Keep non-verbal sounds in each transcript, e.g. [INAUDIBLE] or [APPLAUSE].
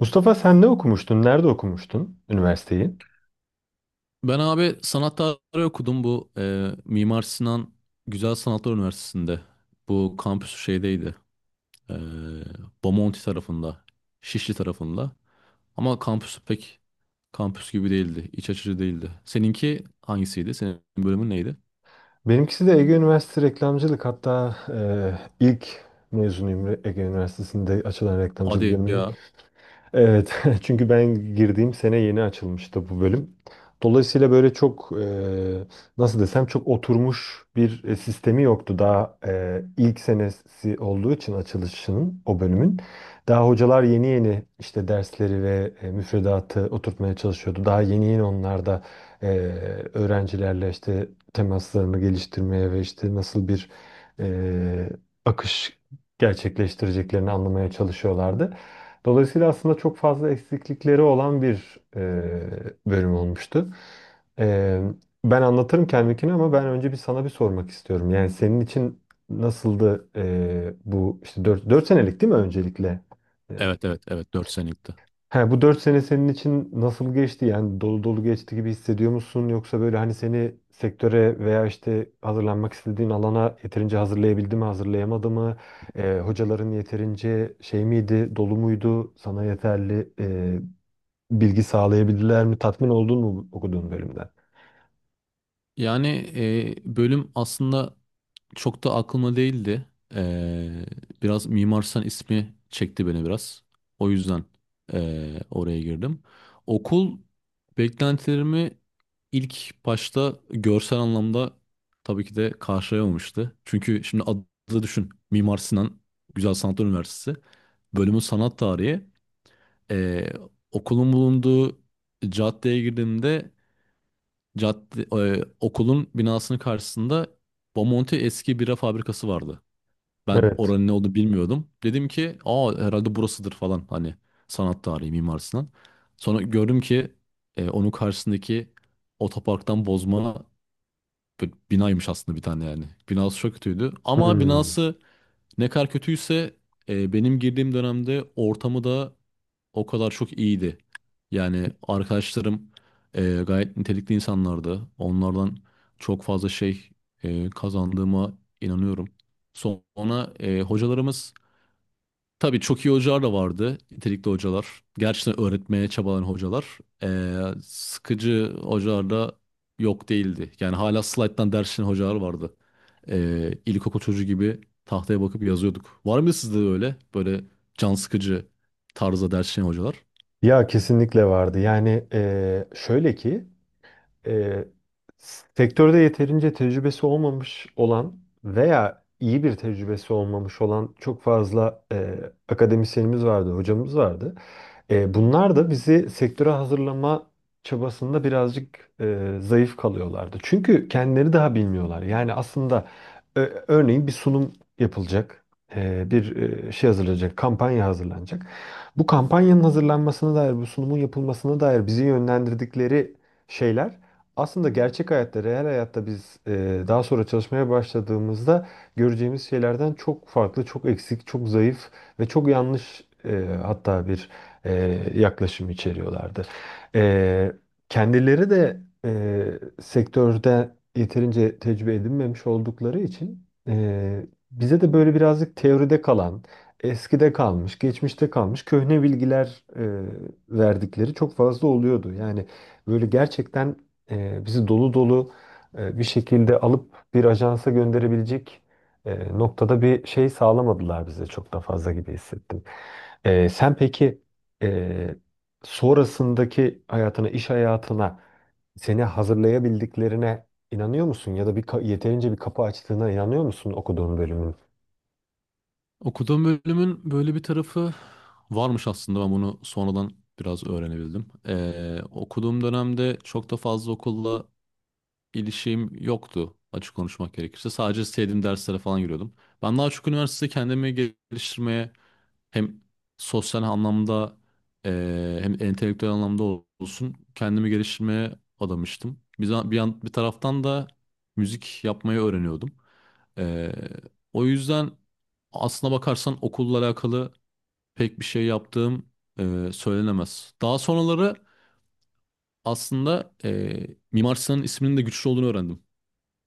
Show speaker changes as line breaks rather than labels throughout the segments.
Mustafa sen ne okumuştun? Nerede okumuştun üniversiteyi?
Ben abi sanat tarihi okudum Mimar Sinan Güzel Sanatlar Üniversitesi'nde. Bu kampüsü şeydeydi. E, Bomonti tarafında. Şişli tarafında. Ama kampüsü pek kampüs gibi değildi. İç açıcı değildi. Seninki hangisiydi? Senin bölümün neydi?
Benimkisi de Ege Üniversitesi reklamcılık. Hatta ilk mezunuyum Ege Üniversitesi'nde açılan reklamcılık
Hadi
bölümünün.
ya.
Evet, [LAUGHS] çünkü ben girdiğim sene yeni açılmıştı bu bölüm. Dolayısıyla böyle çok nasıl desem çok oturmuş bir sistemi yoktu. Daha ilk senesi olduğu için açılışının o bölümün. Daha hocalar yeni yeni işte dersleri ve müfredatı oturtmaya çalışıyordu. Daha yeni yeni onlar da e, öğrencilerle işte temaslarını geliştirmeye ve işte nasıl bir e, akış gerçekleştireceklerini anlamaya çalışıyorlardı. Dolayısıyla aslında çok fazla eksiklikleri olan bir bölüm olmuştu. E, Ben anlatırım kendimkini ama ben önce bir sana bir sormak istiyorum. Yani senin için nasıldı bu işte dört senelik değil mi öncelikle?
Evet, evet, evet, 4 senelikti.
He, bu 4 sene senin için nasıl geçti? Yani dolu dolu geçti gibi hissediyor musun? Yoksa böyle hani seni sektöre veya işte hazırlanmak istediğin alana yeterince hazırlayabildi mi, hazırlayamadı mı? Hocaların yeterince şey miydi, dolu muydu? Sana yeterli bilgi sağlayabildiler mi? Tatmin oldun mu okuduğun bölümden?
Yani bölüm aslında çok da aklıma değildi. E, Biraz Mimar Sinan ismi çekti beni biraz. O yüzden oraya girdim. Okul beklentilerimi ilk başta görsel anlamda tabii ki de karşılayamamıştı. Çünkü şimdi adı düşün. Mimar Sinan Güzel Sanatlar Üniversitesi. Bölümün sanat tarihi. E, Okulun bulunduğu caddeye girdiğimde cadde, okulun binasının karşısında Bomonti eski bira fabrikası vardı. Ben
Evet.
oranın ne olduğunu bilmiyordum. Dedim ki aa, herhalde burasıdır falan, hani sanat tarihi Mimar Sinan. Sonra gördüm ki onun karşısındaki otoparktan bozma bir binaymış aslında, bir tane yani. Binası çok kötüydü ama
Hmm.
binası ne kadar kötüyse benim girdiğim dönemde ortamı da o kadar çok iyiydi. Yani arkadaşlarım gayet nitelikli insanlardı. Onlardan çok fazla şey kazandığıma inanıyorum. Sonra hocalarımız, tabii çok iyi hocalar da vardı. Nitelikli hocalar. Gerçekten öğretmeye çabalayan hocalar. Sıkıcı hocalar da yok değildi. Yani hala slayttan ders çalışan hocalar vardı. İlkokul çocuğu gibi tahtaya bakıp yazıyorduk. Var mı sizde de öyle? Böyle can sıkıcı tarzda ders çalışan hocalar?
Ya kesinlikle vardı. Yani şöyle ki e, sektörde yeterince tecrübesi olmamış olan veya iyi bir tecrübesi olmamış olan çok fazla akademisyenimiz vardı, hocamız vardı. Bunlar da bizi sektöre hazırlama çabasında birazcık zayıf kalıyorlardı. Çünkü kendileri daha bilmiyorlar. Yani aslında e, örneğin bir sunum yapılacak, bir şey hazırlanacak, kampanya hazırlanacak. Bu kampanyanın hazırlanmasına dair, bu sunumun yapılmasına dair bizi yönlendirdikleri şeyler aslında gerçek hayatta, reel hayatta biz daha sonra çalışmaya başladığımızda göreceğimiz şeylerden çok farklı, çok eksik, çok zayıf ve çok yanlış hatta bir e, yaklaşım içeriyorlardı. E, Kendileri de sektörde yeterince tecrübe edinmemiş oldukları için bize de böyle birazcık teoride kalan, eskide kalmış, geçmişte kalmış köhne bilgiler verdikleri çok fazla oluyordu. Yani böyle gerçekten bizi dolu dolu bir şekilde alıp bir ajansa gönderebilecek noktada bir şey sağlamadılar bize çok da fazla gibi hissettim. Sen peki e, sonrasındaki hayatına, iş hayatına seni hazırlayabildiklerine inanıyor musun? Ya da bir yeterince bir kapı açtığına inanıyor musun okuduğun bölümün?
Okuduğum bölümün böyle bir tarafı varmış, aslında ben bunu sonradan biraz öğrenebildim. Okuduğum dönemde çok da fazla okulla ilişkim yoktu, açık konuşmak gerekirse. Sadece sevdiğim derslere falan giriyordum. Ben daha çok üniversitede kendimi geliştirmeye, hem sosyal anlamda hem entelektüel anlamda olsun, kendimi geliştirmeye adamıştım. Bir, za- bir, yan- bir taraftan da müzik yapmayı öğreniyordum. Eee, O yüzden aslına bakarsan okulla alakalı pek bir şey yaptığım söylenemez. Daha sonraları aslında Mimar Sinan'ın isminin de güçlü olduğunu öğrendim.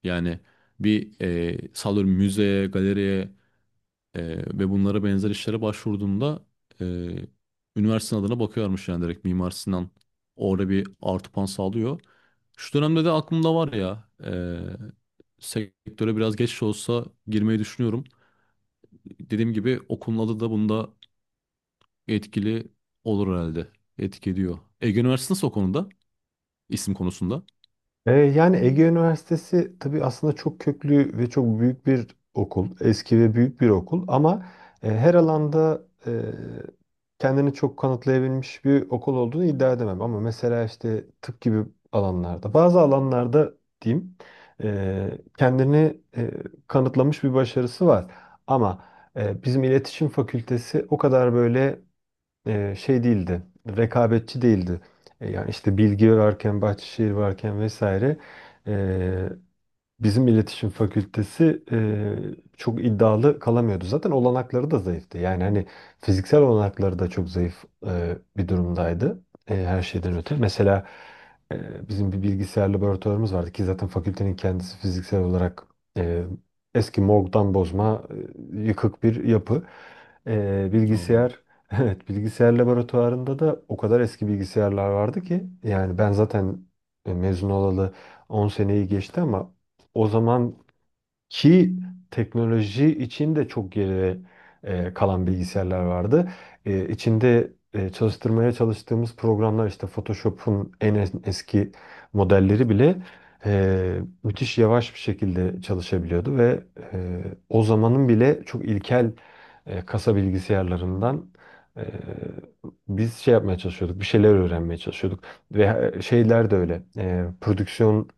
Yani bir sallıyorum müzeye, galeriye ve bunlara benzer işlere başvurduğumda e, üniversitenin adına bakıyormuş, yani direkt Mimar Sinan orada bir artı puan sağlıyor. Şu dönemde de aklımda var ya, sektöre biraz geç de olsa girmeyi düşünüyorum. Dediğim gibi okulun adı da bunda etkili olur herhalde. Etki ediyor. Ege Üniversitesi nasıl o konuda? İsim konusunda.
Yani Ege Üniversitesi tabii aslında çok köklü ve çok büyük bir okul. Eski ve büyük bir okul ama her alanda e, kendini çok kanıtlayabilmiş bir okul olduğunu iddia edemem. Ama mesela işte tıp gibi alanlarda, bazı alanlarda diyeyim kendini kanıtlamış bir başarısı var. Ama bizim iletişim fakültesi o kadar böyle şey değildi, rekabetçi değildi. Yani işte Bilgi varken, Bahçeşehir varken vesaire e, bizim iletişim fakültesi çok iddialı kalamıyordu. Zaten olanakları da zayıftı. Yani hani fiziksel olanakları da çok zayıf bir durumdaydı. Her şeyden öte. Mesela bizim bir bilgisayar laboratuvarımız vardı ki zaten fakültenin kendisi fiziksel olarak eee, eski morgdan bozma yıkık bir yapı.
Aa,
Bilgisayar [LAUGHS] Evet, bilgisayar laboratuvarında da o kadar eski bilgisayarlar vardı ki yani ben zaten mezun olalı 10 seneyi geçti ama o zamanki teknoloji için de çok geri kalan bilgisayarlar vardı. İçinde çalıştırmaya çalıştığımız programlar işte Photoshop'un en eski modelleri bile müthiş yavaş bir şekilde çalışabiliyordu ve e, o zamanın bile çok ilkel kasa bilgisayarlarından e, biz şey yapmaya çalışıyorduk, bir şeyler öğrenmeye çalışıyorduk ve şeyler de öyle, prodüksiyon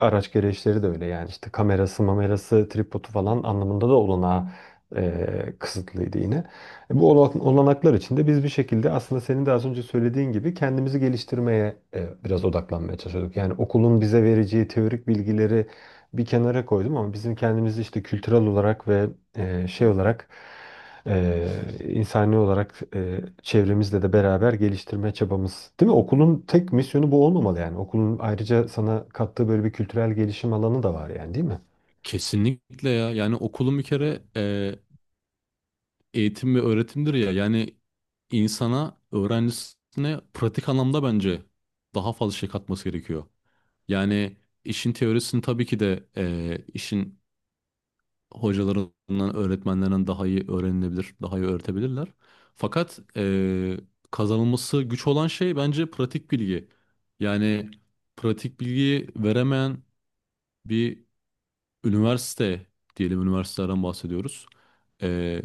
araç gereçleri de öyle yani işte kamerası, mamerası, tripodu falan anlamında da olanağı kısıtlıydı yine. Bu olanaklar içinde biz bir şekilde aslında senin de az önce söylediğin gibi kendimizi geliştirmeye biraz odaklanmaya çalışıyorduk. Yani okulun bize vereceği teorik bilgileri bir kenara koydum ama bizim kendimizi işte kültürel olarak ve şey olarak e, insani olarak çevremizle de beraber geliştirme çabamız. Değil mi? Okulun tek misyonu bu olmamalı yani. Okulun ayrıca sana kattığı böyle bir kültürel gelişim alanı da var yani değil mi?
kesinlikle ya. Yani okulun bir kere eğitim ve öğretimdir ya, yani insana, öğrencisine pratik anlamda bence daha fazla şey katması gerekiyor. Yani işin teorisini tabii ki de işin hocalarından, öğretmenlerinden daha iyi öğrenilebilir, daha iyi öğretebilirler. Fakat kazanılması güç olan şey bence pratik bilgi. Yani pratik bilgiyi veremeyen bir üniversite, diyelim üniversitelerden bahsediyoruz. Ee,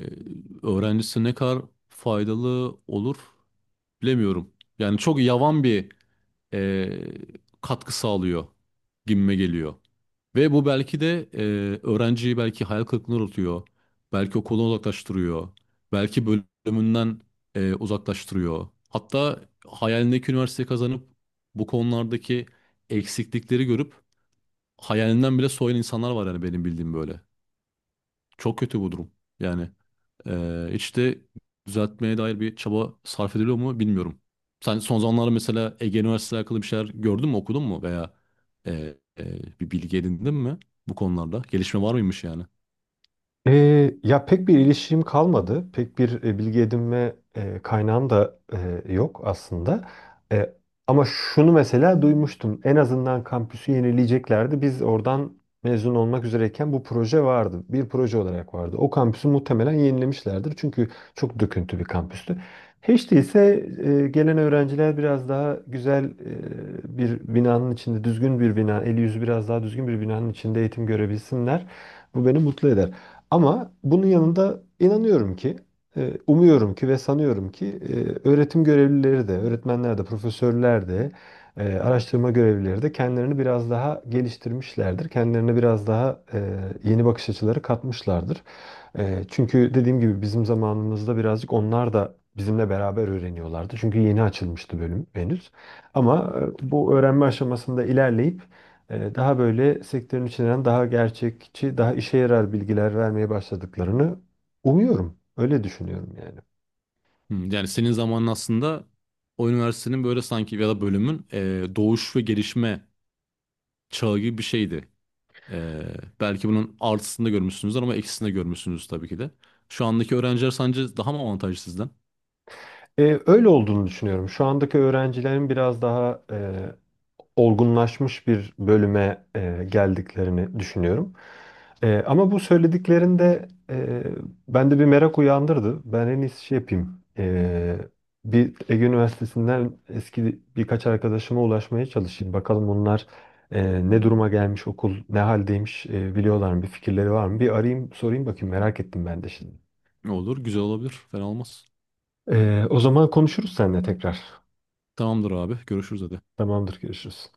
Öğrencisi ne kadar faydalı olur bilemiyorum. Yani çok yavan bir e, katkı sağlıyor gibime geliyor. Ve bu belki de öğrenciyi belki hayal kırıklığına uğratıyor. Belki okuldan uzaklaştırıyor. Belki bölümünden uzaklaştırıyor. Hatta hayalindeki üniversiteyi kazanıp bu konulardaki eksiklikleri görüp hayalinden bile soyun insanlar var, yani benim bildiğim böyle. Çok kötü bu durum. Yani hiç de düzeltmeye dair bir çaba sarf ediliyor mu bilmiyorum. Sen son zamanlarda mesela Ege Üniversitesi'yle alakalı bir şeyler gördün mü, okudun mu, veya bir bilgi edindin mi bu konularda? Gelişme var mıymış yani?
Ya pek bir ilişkim kalmadı. Pek bir bilgi edinme kaynağım da yok aslında. E, Ama şunu mesela duymuştum. En azından kampüsü yenileyeceklerdi. Biz oradan mezun olmak üzereyken bu proje vardı. Bir proje olarak vardı. O kampüsü muhtemelen yenilemişlerdir. Çünkü çok döküntü bir kampüstü. Hiç değilse gelen öğrenciler biraz daha güzel bir binanın içinde, düzgün bir bina, eli yüzü biraz daha düzgün bir binanın içinde eğitim görebilsinler. Bu beni mutlu eder. Ama bunun yanında inanıyorum ki, umuyorum ki ve sanıyorum ki öğretim görevlileri de, öğretmenler de, profesörler de, araştırma görevlileri de kendilerini biraz daha geliştirmişlerdir. Kendilerine biraz daha yeni bakış açıları katmışlardır. Çünkü dediğim gibi bizim zamanımızda birazcık onlar da bizimle beraber öğreniyorlardı. Çünkü yeni açılmıştı bölüm henüz. Ama bu öğrenme aşamasında ilerleyip daha böyle sektörün içinden daha gerçekçi, daha işe yarar bilgiler vermeye başladıklarını umuyorum. Öyle düşünüyorum yani.
Hmm. Yani senin zamanın aslında o üniversitenin böyle sanki, ya da bölümün doğuş ve gelişme çağı gibi bir şeydi. Ee, Belki bunun artısını da görmüşsünüzdür ama eksisini de görmüşsünüz tabii ki de. Şu andaki öğrenciler sence daha mı avantajlı sizden?
Öyle olduğunu düşünüyorum. Şu andaki öğrencilerin biraz daha olgunlaşmış bir bölüme geldiklerini düşünüyorum. Ama bu söylediklerinde bende bir merak uyandırdı. Ben en iyisi şey yapayım. Bir Ege Üniversitesi'nden eski birkaç arkadaşıma ulaşmaya çalışayım. Bakalım onlar ne duruma gelmiş okul, ne haldeymiş biliyorlar mı, bir fikirleri var mı? Bir arayayım, sorayım bakayım merak ettim ben de şimdi.
Ne olur? Güzel olabilir. Fena olmaz.
O zaman konuşuruz seninle tekrar.
Tamamdır abi. Görüşürüz hadi.
Tamamdır, görüşürüz.